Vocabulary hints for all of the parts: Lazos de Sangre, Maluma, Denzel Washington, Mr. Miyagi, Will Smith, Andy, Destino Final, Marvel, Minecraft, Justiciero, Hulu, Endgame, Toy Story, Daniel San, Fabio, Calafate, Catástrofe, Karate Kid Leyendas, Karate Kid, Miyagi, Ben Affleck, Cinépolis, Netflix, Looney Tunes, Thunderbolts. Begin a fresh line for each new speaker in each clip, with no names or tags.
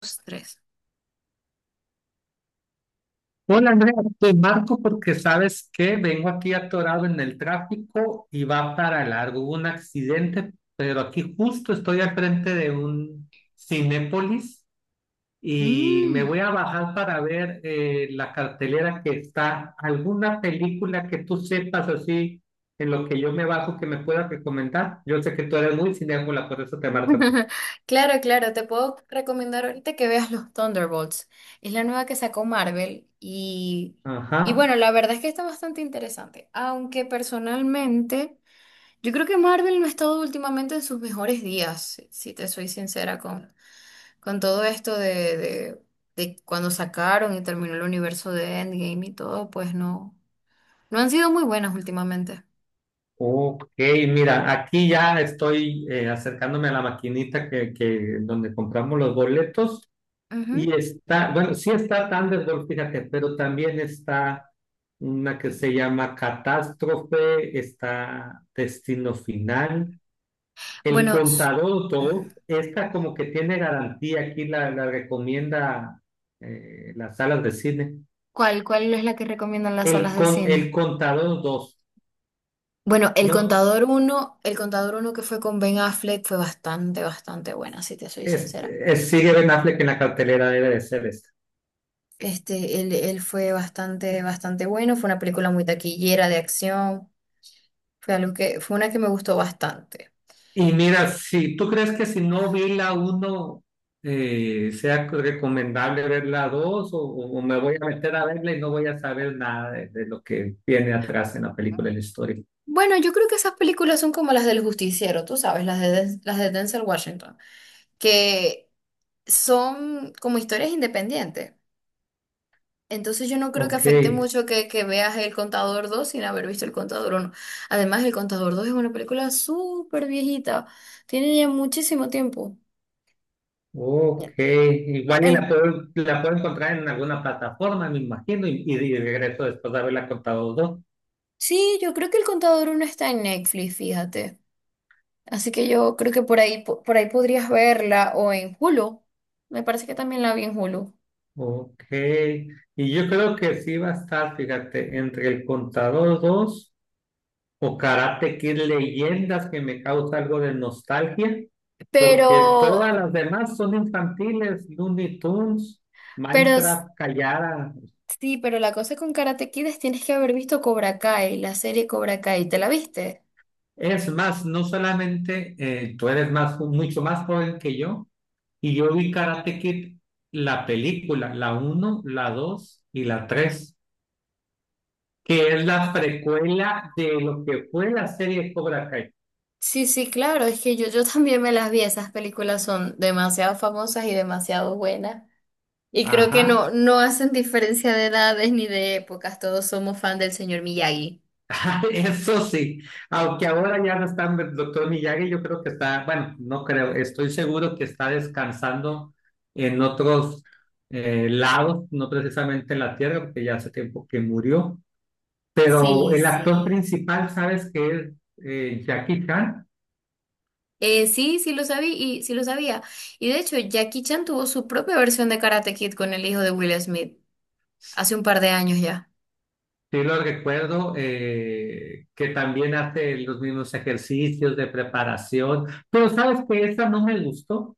Dos, tres.
Hola Andrea, te marco porque sabes que vengo aquí atorado en el tráfico y va para largo. Hubo un accidente, pero aquí justo estoy al frente de un Cinépolis y me
Mm.
voy a bajar para ver la cartelera que está. ¿Alguna película que tú sepas así en lo que yo me bajo que me pueda recomendar? Yo sé que tú eres muy cinéfila, por eso te marco a ti.
Claro, claro, te puedo recomendar ahorita que veas los Thunderbolts. Es la nueva que sacó Marvel y
Ajá.
bueno, la verdad es que está bastante interesante, aunque personalmente yo creo que Marvel no ha estado últimamente en sus mejores días, si te soy sincera con todo esto de cuando sacaron y terminó el universo de Endgame y todo, pues no, no han sido muy buenas últimamente.
Ok, mira, aquí ya estoy acercándome a la maquinita donde compramos los boletos
Ujú.
y está, bueno, sí está Thunderball, fíjate, pero también está una que se llama Catástrofe, está Destino Final, El
Bueno, s-
Contador dos, esta como que tiene garantía, aquí la recomienda las salas de cine.
¿Cuál, cuál es la que recomiendan las
El,
salas de
con, el
cine?
Contador dos.
Bueno,
No,
El Contador uno que fue con Ben Affleck fue bastante, bastante buena, si te soy sincera.
sigue Ben Affleck en la cartelera, debe de ser esta.
Este, él fue bastante, bastante bueno, fue una película muy taquillera de acción, fue una que me gustó bastante.
Y mira, si tú crees que si no vi la uno sea recomendable ver la 2 o me voy a meter a verla y no voy a saber nada de lo que viene atrás en la película de la historia.
Bueno, yo creo que esas películas son como las del Justiciero, tú sabes, las de Denzel Washington, que son como historias independientes. Entonces yo no creo que
Ok,
afecte mucho que veas El Contador dos sin haber visto El Contador uno. Además, El Contador dos es una película súper viejita. Tiene ya muchísimo tiempo.
ok. Igual y
En-
la puedo encontrar en alguna plataforma, me imagino, y de regreso después de haberla contado dos.
sí, yo creo que El Contador uno está en Netflix, fíjate. Así que yo creo que por ahí, por ahí podrías verla o en Hulu. Me parece que también la vi en Hulu.
Ok. Y yo creo que sí va a estar, fíjate, entre el contador dos o Karate Kid Leyendas que me causa algo de nostalgia,
Pero,
porque todas las demás son infantiles, Looney Tunes,
pero s-
Minecraft callada.
sí, pero la cosa con Karate Kid es tienes que haber visto Cobra Kai, la serie Cobra Kai. ¿Te la viste?
Es más, no solamente tú eres más, mucho más joven que yo, y yo vi Karate Kid, la película, la uno la 2 y la 3 que es la precuela de lo que fue la serie Cobra Kai.
Sí, sí, claro, es que yo también me las vi, esas películas son demasiado famosas y demasiado buenas. Y creo que
Ajá.
no, no hacen diferencia de edades ni de épocas, todos somos fan del señor Miyagi.
Eso sí, aunque ahora ya no está el doctor Miyagi, yo creo que está, bueno, no creo, estoy seguro que está descansando en otros lados, no precisamente en la Tierra, porque ya hace tiempo que murió, pero
Sí,
el actor
sí.
principal, ¿sabes qué es? Jackie Chan.
Sí, sí lo sabía y sí lo sabía. Y de hecho, Jackie Chan tuvo su propia versión de Karate Kid con el hijo de Will Smith hace un par de años ya.
Sí lo recuerdo, que también hace los mismos ejercicios de preparación, pero sabes que esa no me gustó,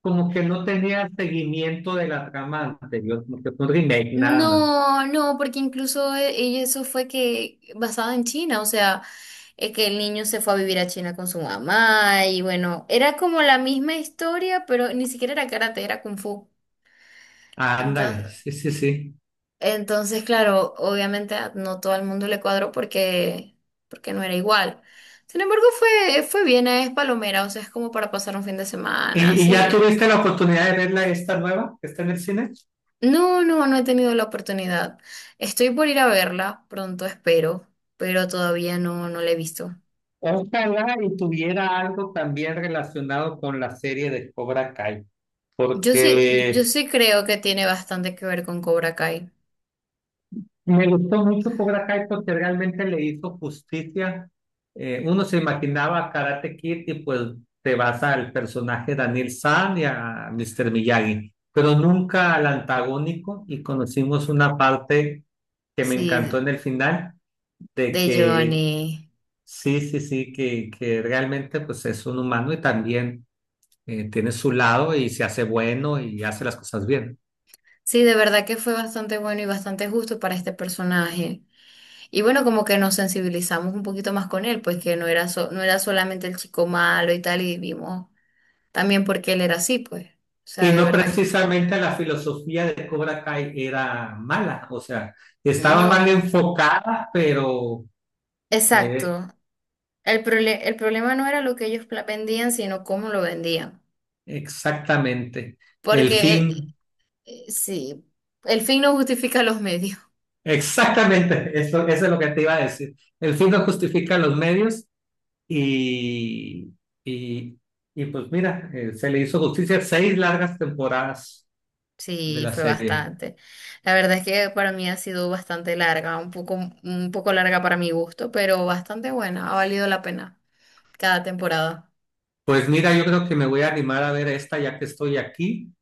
como que no tenía seguimiento de la trama anterior, como que fue un remake nada más.
No, no, porque incluso eso fue que basado en China, o sea, que el niño se fue a vivir a China con su mamá y bueno, era como la misma historia, pero ni siquiera era karate, era kung fu.
Ándale,
Entonces,
sí, sí, sí.
entonces, claro, obviamente no todo el mundo le cuadró porque porque no era igual. Sin embargo, fue bien, es palomera, o sea, es como para pasar un fin de semana,
Y
así
ya
bien.
tuviste la oportunidad de verla esta nueva que está en el cine?
No, no, no he tenido la oportunidad. Estoy por ir a verla, pronto espero, pero todavía no, no la he visto.
Ojalá y tuviera algo también relacionado con la serie de Cobra Kai,
Yo sí, yo
porque
sí creo que tiene bastante que ver con Cobra Kai.
me gustó mucho Cobra Kai porque realmente le hizo justicia. Uno se imaginaba Karate Kid y pues te vas al personaje Daniel San y a Mr. Miyagi, pero nunca al antagónico y conocimos una parte que me encantó
Sí,
en el final de
de
que
Johnny.
sí, sí, sí, que realmente pues es un humano y también tiene su lado y se hace bueno y hace las cosas bien.
Sí, de verdad que fue bastante bueno y bastante justo para este personaje. Y bueno, como que nos sensibilizamos un poquito más con él, pues que no era no era solamente el chico malo y tal, y vimos también por qué él era así, pues. O sea,
Y
de
no
verdad que...
precisamente la filosofía de Cobra Kai era mala, o sea, estaba mal
No,
enfocada, pero eh,
exacto. El problema no era lo que ellos vendían, sino cómo lo vendían.
exactamente, el
Porque
fin,
sí, el fin no justifica los medios.
exactamente, eso es lo que te iba a decir. El fin no justifica los medios y, y, y pues mira, se le hizo justicia seis largas temporadas de
Sí,
la
fue
serie.
bastante. La verdad es que para mí ha sido bastante larga, un poco larga para mi gusto, pero bastante buena. Ha valido la pena cada temporada.
Pues mira, yo creo que me voy a animar a ver esta ya que estoy aquí.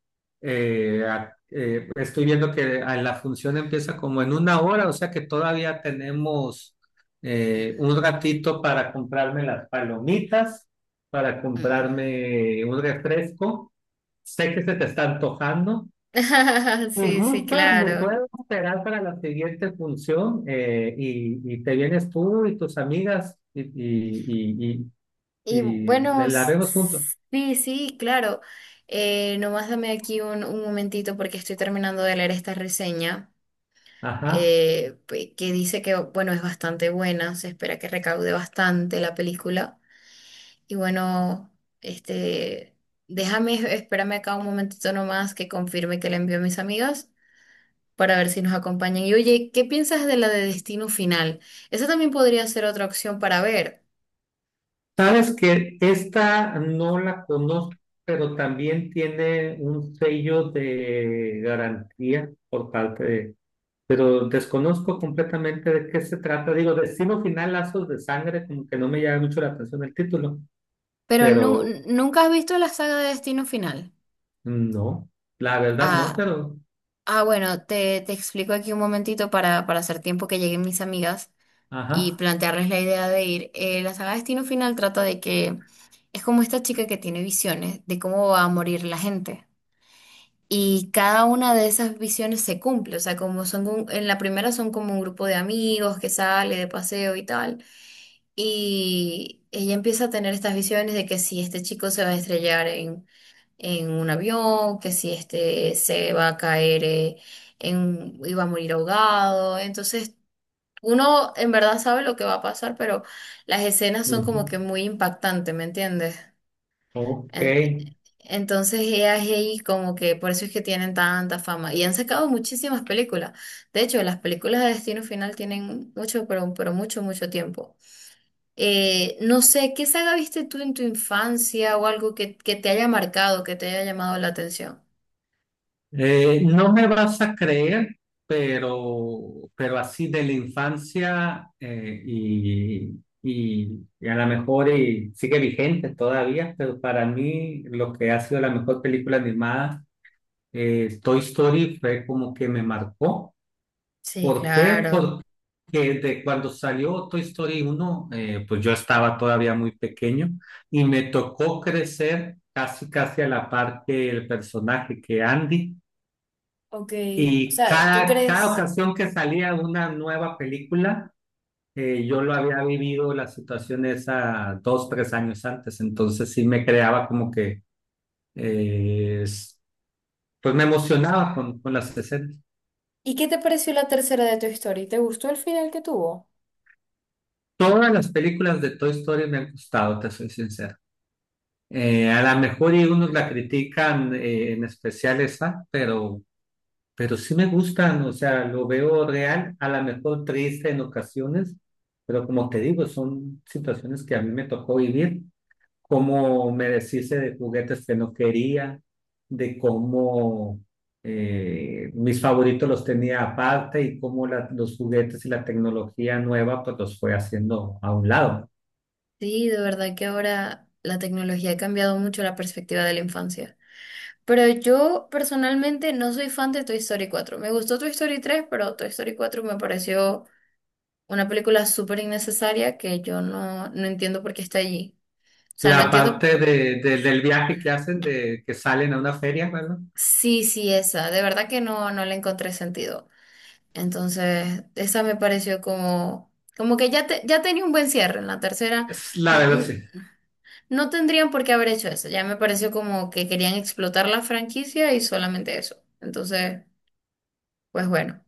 Estoy viendo que a la función empieza como en una hora, o sea que todavía tenemos un ratito para comprarme las palomitas, para
Mm.
comprarme un refresco. Sé que se te está antojando. Si
Sí, sí,
gustas, me
claro.
puedes esperar para la siguiente función y te vienes tú y tus amigas
Y
y
bueno,
la
s-
vemos juntos.
sí, sí, claro. Nomás dame aquí un momentito porque estoy terminando de leer esta reseña.
Ajá.
Que dice que, bueno, es bastante buena, se espera que recaude bastante la película. Y bueno, este, déjame, espérame acá un momentito nomás que confirme que la envío a mis amigas para ver si nos acompañan. Y oye, ¿qué piensas de la de Destino Final? Esa también podría ser otra opción para ver.
Sabes que esta no la conozco, pero también tiene un sello de garantía por parte de... Pero desconozco completamente de qué se trata. Digo, Destino Final, Lazos de Sangre, como que no me llama mucho la atención el título, pero
Nunca has visto la saga de Destino Final.
no, la verdad no,
Ah,
pero...
ah, bueno, te explico aquí un momentito para hacer tiempo que lleguen mis amigas. Y
Ajá.
plantearles la idea de ir. La saga Destino Final trata de que es como esta chica que tiene visiones de cómo va a morir la gente. Y cada una de esas visiones se cumple, o sea, como son, en la primera son como un grupo de amigos que sale de paseo y tal, y ella empieza a tener estas visiones de que si este chico se va a estrellar en un avión, que si este se va a caer y va a morir ahogado, entonces uno en verdad sabe lo que va a pasar, pero las escenas son
Ujú.
como que muy impactantes, ¿me entiendes?
Ok.
En- entonces ella es ahí como que por eso es que tienen tanta fama y han sacado muchísimas películas. De hecho, las películas de Destino Final tienen mucho, pero mucho, mucho tiempo. No sé, ¿qué saga viste tú en tu infancia o algo que te haya marcado, que te haya llamado la atención?
No me vas a creer, pero así de la infancia y a lo mejor y sigue vigente todavía, pero para mí lo que ha sido la mejor película animada, Toy Story, fue como que me marcó.
Sí,
¿Por qué?
claro.
Porque de cuando salió Toy Story uno, pues yo estaba todavía muy pequeño y me tocó crecer casi, casi a la par que el personaje, que Andy.
Ok, o
Y
sea, ¿tú
cada
crees?
ocasión que salía una nueva película, yo lo había vivido la situación esa dos, tres años antes, entonces sí me creaba como que, eh, es- pues me emocionaba con las escenas.
¿Y qué te pareció la tercera de tu historia? ¿Te gustó el final que tuvo?
Todas las películas de Toy Story me han gustado, te soy sincero. A lo mejor y unos la critican en especial esa, pero sí me gustan, o sea, lo veo real, a lo mejor triste en ocasiones, pero como te digo, son situaciones que a mí me tocó vivir, como me deshice de juguetes que no quería, de cómo mis favoritos los tenía aparte y cómo los juguetes y la tecnología nueva pues los fue haciendo a un lado.
Sí, de verdad que ahora la tecnología ha cambiado mucho la perspectiva de la infancia. Pero yo personalmente no soy fan de Toy Story cuatro. Me gustó Toy Story tres, pero Toy Story cuatro me pareció una película súper innecesaria que yo no, no entiendo por qué está allí. O sea, no
La
entiendo
parte del viaje que hacen, de que salen a una feria, ¿verdad?
Sí, sí, esa. De verdad que no, no le encontré sentido. Entonces, esa me pareció como, como que ya, ya tenía un buen cierre. En la tercera,
Es, la
n-
verdad,
n-
sí.
no tendrían por qué haber hecho eso. Ya me pareció como que querían explotar la franquicia y solamente eso. Entonces, pues bueno,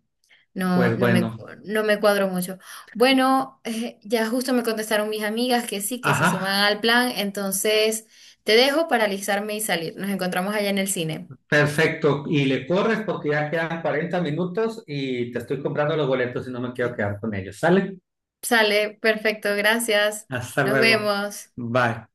no,
Pues
no me,
bueno,
no me cuadro mucho. Bueno, ya justo me contestaron mis amigas que sí, que se suman
ajá.
al plan. Entonces, te dejo para alisarme y salir. Nos encontramos allá en el cine.
Perfecto, y le corres porque ya quedan 40 minutos y te estoy comprando los boletos y no me quiero quedar con ellos. ¿Sale?
Sale, perfecto, gracias.
Hasta
Nos
luego.
vemos.
Bye.